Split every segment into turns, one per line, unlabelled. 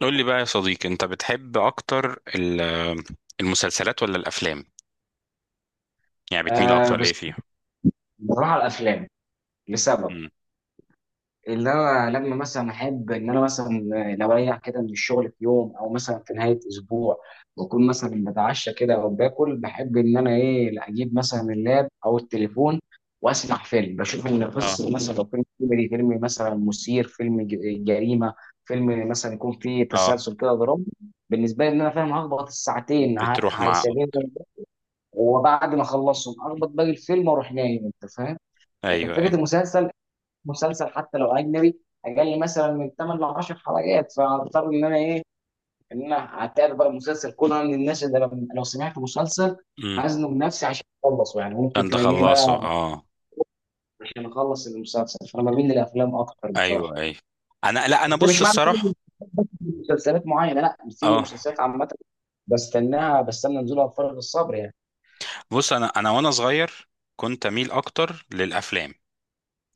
قول لي بقى يا صديقي، انت بتحب اكتر المسلسلات ولا الافلام؟ يعني بتميل
آه،
اكتر ليه
بس
فيها؟
بروح على الافلام لسبب
امم
ان انا لما مثلا احب ان انا مثلا لو اريح كده من الشغل في يوم او مثلا في نهايه اسبوع، بكون مثلا بتعشى كده او باكل. بحب ان انا ايه، لا اجيب مثلا اللاب او التليفون واسمع فيلم، بشوف ان
اه.
قصه مثلا لو فيلم كوميدي، فيلم مثلا مثير، فيلم جريمه، فيلم مثلا يكون فيه
اه.
تسلسل كده درامي. بالنسبه لي ان انا فاهم هخبط الساعتين
بتروح مع.
هيسابيني، وبعد ما اخلصهم اخبط باقي الفيلم واروح نايم، انت فاهم. لكن
ايوه، ايوه.
فكره المسلسل، مسلسل حتى لو اجنبي، اقل مثلا من 8 ل 10 حلقات، فاضطر ان انا ايه ان انا اتابع بقى المسلسل كله. انا من الناس اللي لو سمعت مسلسل
امم
هزنه بنفسي عشان اخلصه، يعني ممكن
انت
تلاقيني
خلصه،
بقى
اه.
عشان اخلص المسلسل. فانا بميل للافلام اكتر بصراحه.
ايوه، ايوه. لا، انا
بس
بص
مش معنى كده إن
الصراحه.
مسلسلات معينه، لا، في
اه.
مسلسلات عامه بستناها، بستنى نزولها بفارغ الصبر يعني.
بص، انا وانا صغير كنت اميل اكتر للافلام،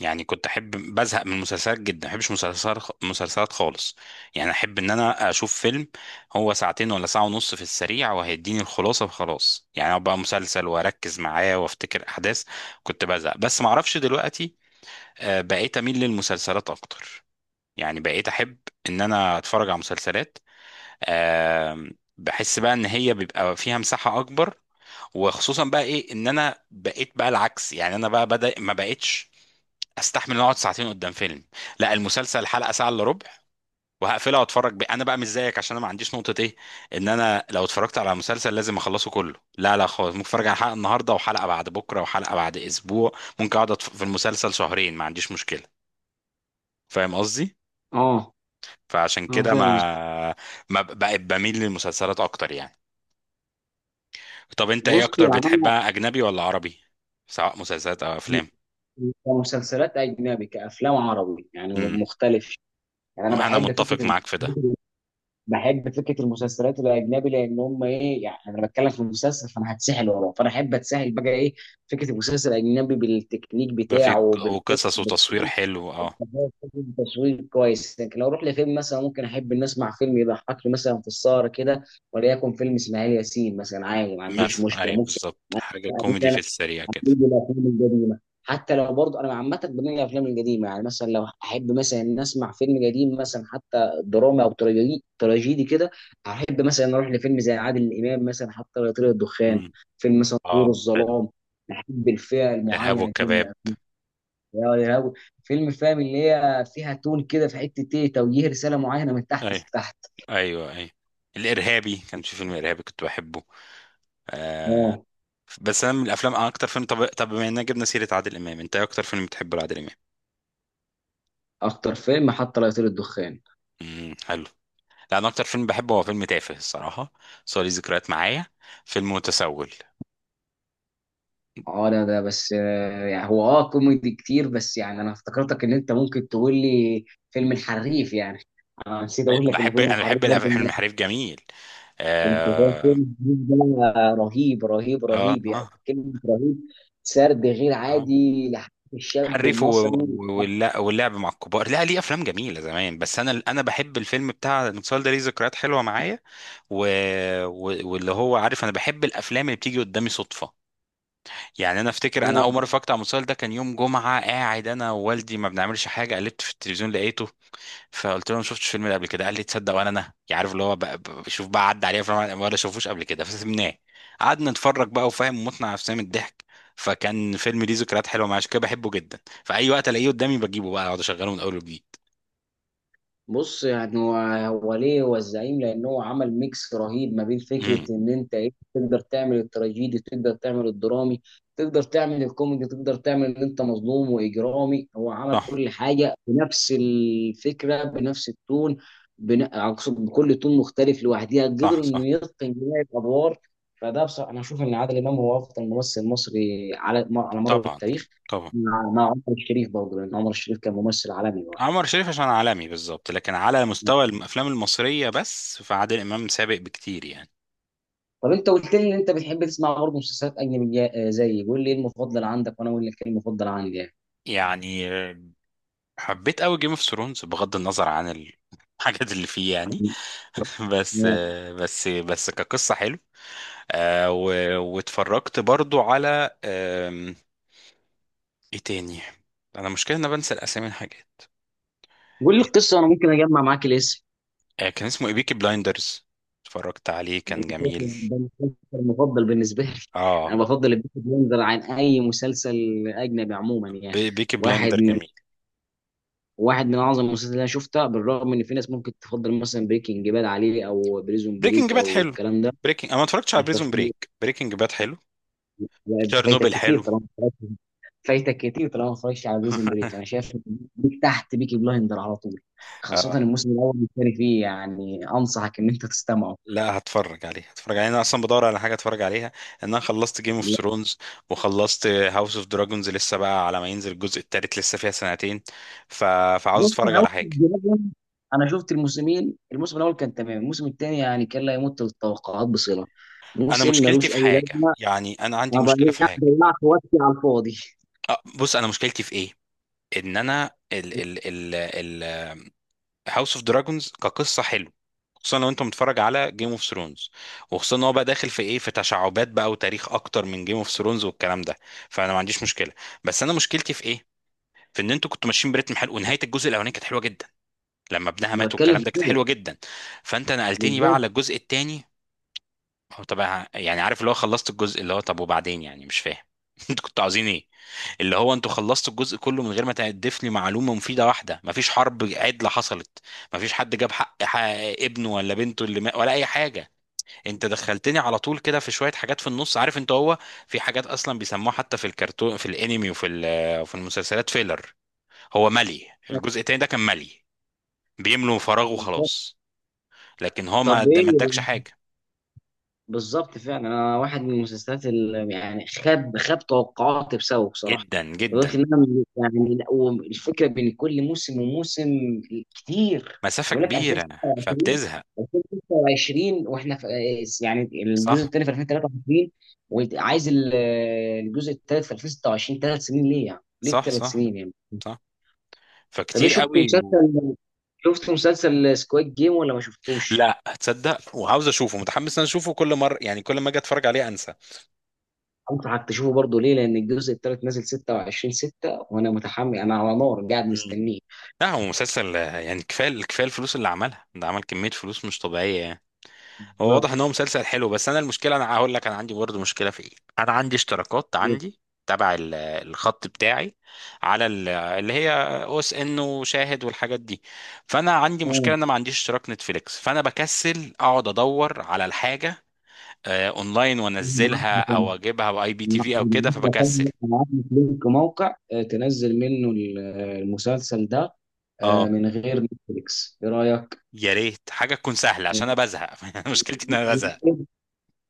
يعني كنت احب، بزهق من المسلسلات جدا، ما بحبش مسلسلات مسلسلات خالص. يعني احب ان انا اشوف فيلم، هو ساعتين ولا ساعة ونص، في السريع وهيديني الخلاصة وخلاص، يعني ابقى مسلسل واركز معاه وافتكر احداث. كنت بزهق، بس ما اعرفش دلوقتي. بقيت اميل للمسلسلات اكتر، يعني بقيت احب ان انا اتفرج على مسلسلات. آه، بحس بقى ان هي بيبقى فيها مساحة اكبر. وخصوصا بقى ايه، ان انا بقيت بقى العكس، يعني انا بقى بدأ ما بقيتش استحمل إن اقعد ساعتين قدام فيلم. لا، المسلسل حلقه ساعه الا ربع، وهقفلها واتفرج بيه. انا بقى مش زيك، عشان انا ما عنديش نقطه ايه، ان انا لو اتفرجت على مسلسل لازم اخلصه كله. لا، لا، خالص، ممكن اتفرج على حلقه النهارده، وحلقه بعد بكره، وحلقه بعد اسبوع. ممكن اقعد في المسلسل شهرين، ما عنديش مشكله. فاهم قصدي؟
اه.
فعشان
اه،
كده
فاهم قصدك.
ما بقيت بميل للمسلسلات اكتر يعني. طب انت ايه
بص
اكتر
يعني انا،
بتحبها، اجنبي ولا عربي؟ سواء مسلسلات او افلام.
كمسلسلات اجنبي كافلام عربي، يعني
امم
مختلف. يعني انا
انا
بحب فكره
متفق معاك في ده.
بحب فكره المسلسلات الاجنبي، لان هم ايه، يعني انا بتكلم في المسلسل فانا هتسحل وراه، فانا احب اتسحل بقى ايه فكره المسلسل الاجنبي بالتكنيك
بقى في
بتاعه بالقصه
وقصص وتصوير
بالكل.
حلو، اه.
تصوير كويس، لكن لو اروح لفيلم مثلا، ممكن احب ان اسمع فيلم يضحكني مثلا في السهره كده، وليكن فيلم اسماعيل ياسين مثلا، عادي ما عنديش
مثلا
مشكله.
ايوه
ممكن
بالظبط، حاجه كوميدي في السريع كده.
هنيجي الافلام القديمه، حتى لو برضه انا عامه بميل للافلام القديمه. يعني مثلا لو احب مثلا ان اسمع فيلم قديم مثلا، حتى درامي او تراجيدي، تراجيدي كده، احب مثلا اروح لفيلم زي عادل امام مثلا، حتى لو طير الدخان،
امم
فيلم مثلا
اه،
طيور
حلو.
الظلام. بحب الفئه
الارهاب
المعينه دي من
والكباب.
الافلام. يا لهوي. فيلم فاهم اللي هي فيها تون كده، في حته ايه توجيه رساله معينه من تحت
ايوه،
لتحت.
ايوه، ايوه. الارهابي، كان في فيلم ارهابي كنت بحبه. آه.
اه.
بس انا من الافلام، أنا اكتر فيلم، طب بما اننا جبنا سيره عادل امام، انت ايه اكتر فيلم بتحبه لعادل امام؟
اكتر فيلم حتى لو طير الدخان.
حلو. لا، انا اكتر فيلم بحبه هو فيلم تافه الصراحه، بس هو ليه ذكريات معايا، فيلم متسول.
اه، ده بس. يعني هو اه كوميدي كتير، بس يعني انا افتكرتك ان انت ممكن تقول لي فيلم الحريف يعني. انا نسيت اقول لك ان فيلم
انا
الحريف
بحب
برضه
فيلم حريف جميل.
انت فاهم
اه،
فيلم الحريف ده؟ رهيب رهيب
اه،
رهيب، يعني
اه.
كلمه رهيب. سرد غير
آه.
عادي لحياه الشاب
حريف
المصري.
واللعب مع الكبار، لا ليه افلام جميله زمان، بس انا بحب الفيلم بتاع المسلسل ده، ليه ذكريات حلوه معايا. و... واللي هو عارف، انا بحب الافلام اللي بتيجي قدامي صدفه. يعني انا افتكر، انا اول مره اتفرجت على المسلسل ده كان يوم جمعه، قاعد انا ووالدي ما بنعملش حاجه، قلبت في التلفزيون لقيته. فقلت له، أنا ما شفتش الفيلم ده قبل كده. قال لي، تصدق ولا انا يعني عارف اللي هو بقى بشوف بقى عدى عليه افلام ولا شافوش قبل كده، فسيبناه. قعدنا نتفرج بقى، وفاهم، متنا نفسنا من الضحك. فكان فيلم ليه ذكريات حلوه معايا، عشان كده بحبه جدا. فاي وقت الاقيه قدامي بجيبه بقى، اقعد اشغله من اول وجديد.
بص يعني هو ليه هو الزعيم؟ لان هو عمل ميكس رهيب ما بين فكره
امم
ان انت ايه تقدر تعمل التراجيدي، تقدر تعمل الدرامي، تقدر تعمل الكوميدي، تقدر تعمل ان انت مظلوم واجرامي. هو عمل
صح،
كل حاجه بنفس الفكره بنفس التون. اقصد بكل تون مختلف لوحدها. قدر
صح. صح.
انه يتقن جميع الادوار. فده بصراحه انا اشوف ان عادل امام هو افضل ممثل مصري على مر
طبعا.
التاريخ.
طبعا.
مع عمر الشريف برضه، لان عمر الشريف كان ممثل عالمي.
عمر شريف عشان عالمي بالظبط، لكن على مستوى الافلام المصريه بس، فعادل امام سابق بكتير يعني.
طب انت قلت لي ان انت بتحب تسمع برضه مسلسلات اجنبيه زيي، قول لي ايه المفضل عندك وانا اقول لك ايه المفضل عندي يعني.
يعني حبيت قوي جيم اوف ثرونز، بغض النظر عن الحاجات اللي فيه يعني. بس
آه،
بس كقصة حلو. واتفرجت برضو على ايه تاني؟ انا مشكلة ان انا بنسى الاسامي، الحاجات.
قول لي القصه انا ممكن اجمع معاك الاسم.
كان اسمه ايه، بيكي بلايندرز. اتفرجت عليه
ده
كان جميل.
المسلسل، ده المسلسل المفضل بالنسبه لي. انا
اه.
بفضل البيكي بليندر عن اي مسلسل اجنبي عموما يعني.
بيكي
واحد
بلايندر
من
جميل.
واحد من اعظم المسلسلات اللي انا شفتها، بالرغم ان في ناس ممكن تفضل مثلا بريكنج باد عليه او بريزون
بريكنج
بريك
باد
او
حلو.
الكلام ده.
انا ما اتفرجتش على
انت
بريزون
في
بريك، بريكنج باد حلو.
لا، انت فايتك
تشيرنوبل
كتير
حلو.
طالما ما اتفرجتش على جزء من بريك. انا شايف إن بيك تحت بيكي بلايندر على طول، خاصة الموسم الأول والثاني فيه، يعني أنصحك إن أنت تستمعه.
لا، هتفرج عليه، هتفرج عليه. انا اصلا بدور على حاجه اتفرج عليها، ان انا خلصت جيم اوف ثرونز، وخلصت هاوس اوف دراجونز، لسه بقى على ما ينزل الجزء التالت لسه فيها سنتين. ف... فعاوز
بص،
اتفرج
هاوس
على حاجه.
اوف دراجون أنا شفت الموسمين، الموسم الأول كان تمام، الموسم الثاني يعني كان لا يمت للتوقعات بصلة.
انا
موسم
مشكلتي
ملوش
في
أي
حاجه،
لازمة.
يعني انا عندي
أنا
مشكله في
ضيعت
حاجه.
ضيعت وقتي على الفاضي.
أه، بص انا مشكلتي في ايه، ان انا ال ال هاوس اوف دراجونز كقصه حلو، خصوصا لو انت متفرج على جيم اوف ثرونز، وخصوصا ان هو بقى داخل في ايه، في تشعبات بقى وتاريخ اكتر من جيم اوف ثرونز والكلام ده. فانا ما عنديش مشكله، بس انا مشكلتي في ايه، في ان انتوا كنتوا ماشيين برتم حلو، ونهايه الجزء الاولاني كانت حلوه جدا. لما ابنها
أنا
مات
بتكلم
والكلام
في
ده كانت
كده.
حلوه جدا. فانت نقلتني بقى
بالظبط
على الجزء الثاني، هو طبعا يعني، عارف اللي هو خلصت الجزء اللي هو، طب وبعدين يعني مش فاهم؟ انتوا كنتوا عاوزين ايه؟ اللي هو انتوا خلصتوا الجزء كله من غير ما تضيف لي معلومه مفيده واحده، مفيش حرب عدله حصلت، مفيش حد جاب حق ابنه ولا بنته اللي ما، ولا اي حاجه. انت دخلتني على طول كده في شويه حاجات في النص، عارف انت، هو في حاجات اصلا بيسموها حتى في الكرتون، في الانمي، وفي وفي المسلسلات، فيلر. هو ملي، الجزء التاني ده كان ملي، بيملوا فراغ
بالظبط.
وخلاص. لكن هو
طب إيه؟
ما ادكش حاجه.
بالظبط فعلا، انا واحد من المسلسلات اللي يعني خاب توقعاتي بسببه بصراحه.
جدا
ولكن
جدا،
انا لا، والفكره بين كل موسم وموسم كتير.
مسافه
يقول لك
كبيره،
2026.
فبتزهق.
2026 واحنا في، يعني الجزء
صح،
الثاني في 2023 وعايز الجزء الثالث في 2026. 3 سنين ليه يعني؟ ليه
صح.
ثلاث
صح.
سنين يعني؟
صح.
طب ايه،
فكتير قوي.
شفت مسلسل سكواد جيم ولا ما شفتوش؟
لا تصدق، وعاوز اشوفه، متحمس ان أنا اشوفه، كل مره يعني كل ما اجي اتفرج عليه انسى.
انصحك تشوفه برضه. ليه؟ لان الجزء الثالث نازل 26 6 وانا متحمل، انا على نار قاعد
مم.
مستنيه.
لا، هو مسلسل، يعني كفايه كفايه الفلوس اللي عملها ده، عمل كميه فلوس مش طبيعيه يعني. هو
بالظبط.
واضح ان هو مسلسل حلو، بس انا المشكله، انا هقول لك، انا عندي برضه مشكله في ايه، انا عندي اشتراكات، عندي تبع الخط بتاعي، على اللي هي OSN وشاهد والحاجات دي. فانا عندي مشكله ان انا ما عنديش اشتراك نتفليكس، فانا بكسل اقعد ادور على الحاجه اونلاين وانزلها، او اجيبها باي بي تي
أنا
في او كده، فبكسل.
هبعت لك لينك موقع تنزل منه المسلسل ده،
اه،
من غير نتفليكس، ايه رايك؟
يا ريت حاجه تكون سهله عشان انا بزهق. مشكلتي ان انا بزهق.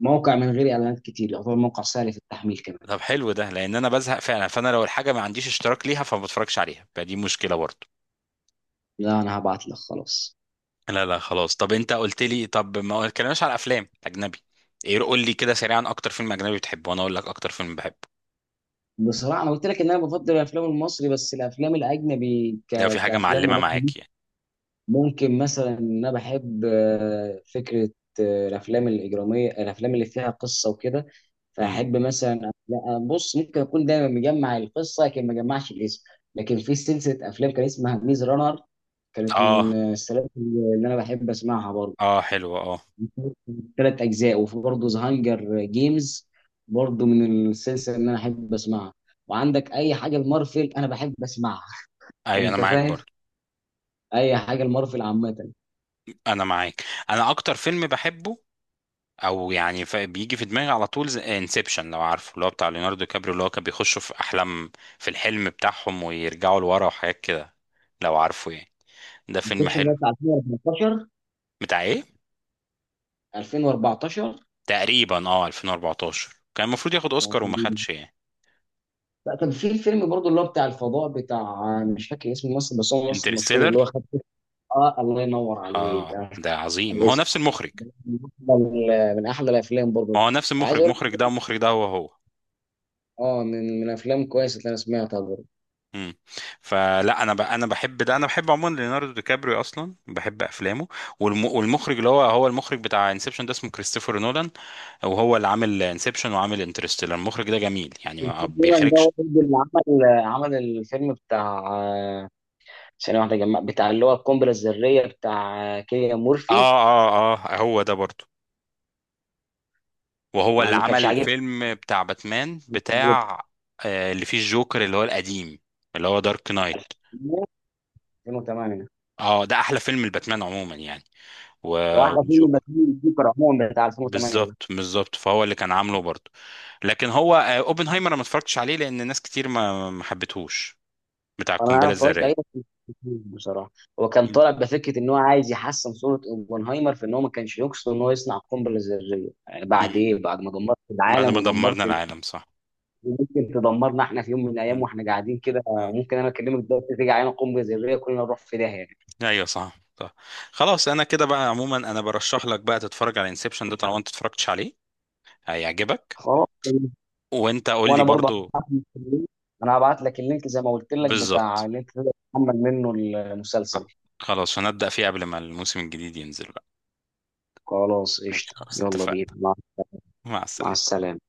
موقع من غير اعلانات كتير، يعتبر موقع سهل في التحميل كمان.
طب حلو ده، لان انا بزهق فعلا، فانا لو الحاجه ما عنديش اشتراك ليها فما بتفرجش عليها، فدي مشكله برضه.
لا انا هبعت لك خلاص.
لا، لا، خلاص. طب انت قلت لي، طب ما اتكلمناش على افلام اجنبي؟ ايه، قول لي كده سريعا، اكتر فيلم اجنبي بتحبه وانا اقول لك اكتر فيلم بحبه،
بصراحه انا قلت لك ان انا بفضل الافلام المصري، بس الافلام الاجنبي
لو في حاجه
كافلام
معلمه
ممثل،
معاك يعني.
ممكن مثلا ان انا بحب فكره الافلام الاجراميه، الافلام اللي فيها قصه وكده.
امم
فاحب مثلا، لا، بص ممكن اكون دايما مجمع القصه لكن ما جمعش الاسم. لكن في سلسله افلام كان اسمها ميز رانر، كانت
اه،
من السلاسل اللي انا بحب اسمعها برضه.
اه، حلو، اه.
3 اجزاء. وفي برضه ذا هانجر جيمز، برضه من السلسله اللي انا احب اسمعها. وعندك اي حاجه المارفل انا بحب اسمعها.
ايوه، انا
انت
معاك
فاهم.
برضه.
اي حاجه المارفل عامه.
انا معاك. انا اكتر فيلم بحبه، او يعني بيجي في دماغي على طول، انسبشن، لو عارفه اللي هو بتاع ليوناردو كابريو، اللي هو كان بيخشوا في احلام، في الحلم بتاعهم، ويرجعوا لورا وحاجات كده، لو عارفه يعني. ده فيلم
انسبشن ده
حلو.
بتاع 2014.
بتاع ايه؟
2014.
تقريبا، اه، 2014، كان المفروض ياخد اوسكار وما خدش يعني.
لا، كان في فيلم برضه اللي هو بتاع الفضاء، بتاع مش فاكر اسم الممثل، بس هو ممثل مشهور
انترستيلر.
اللي هو خد. اه الله ينور عليك،
اه،
انا مش فاكر
ده عظيم، هو
الاسم.
نفس المخرج.
من من أحلى الافلام برضه.
ما هو نفس
وعايز
المخرج،
اقول
مخرج ده ومخرج ده هو هو.
اه، من افلام كويسه اللي انا سمعتها برضه.
امم فلا، انا انا بحب ده، انا بحب عموما ليوناردو دي كابريو، اصلا بحب افلامه. والمخرج اللي هو هو المخرج بتاع انسبشن ده، اسمه كريستوفر نولان. وهو اللي عامل انسبشن وعامل انترستيلر، المخرج ده جميل يعني ما
تقريباً ده هو
بيخرجش.
برضه اللي عمل الفيلم بتاع ثانية واحدة، جمع بتاع اللي هو القنبلة الذرية بتاع كيليان مورفي.
اه، اه، اه، هو ده برضه. وهو
ما
اللي
ما كانش
عمل
عاجبني.
فيلم بتاع باتمان، بتاع اللي فيه الجوكر، اللي هو القديم، اللي هو دارك نايت.
2008.
اه، ده احلى فيلم الباتمان عموما يعني. و...
واحلى فيلم
والجوكر.
مثيل الذكر عموما بتاع 2008 ده.
بالظبط، بالظبط، فهو اللي كان عامله برضه. لكن هو، اوبنهايمر، انا ما اتفرجتش عليه لان ناس كتير ما حبتهوش، بتاع
انا
القنبله
اتفرجت عليه
الذريه.
بس مش فاكره بصراحه. هو كان
مم.
طالع بفكره ان هو عايز يحسن صوره اوبنهايمر في ان هو ما كانش يقصد ان هو يصنع قنبله ذريه يعني، بعد ايه،
مم.
بعد ما دمرت
بعد
العالم
ما
ودمرت.
دمرنا العالم، صح.
ممكن تدمرنا احنا في يوم من الايام
مم.
واحنا قاعدين كده.
مم.
ممكن انا اكلمك دلوقتي تيجي علينا قنبله ذريه كلنا نروح في داهيه يعني.
ايوه، صح، صح. خلاص، انا كده بقى عموما انا برشح لك بقى تتفرج على انسبشن ده طالما انت اتفرجتش عليه، هيعجبك.
خلاص.
وانت قول لي
وانا برضه
برضه.
هبعت لك اللينك. انا هبعت لك اللينك زي ما قلت لك بتاع
بالظبط.
اللي انت تقدر تحمل منه
آه.
المسلسل.
خلاص، هنبدأ فيه قبل ما الموسم الجديد ينزل بقى.
خلاص
ماشي،
قشطه.
خلاص
يلا بينا
اتفقنا.
مع
مع
مع
السلامه.
السلامه.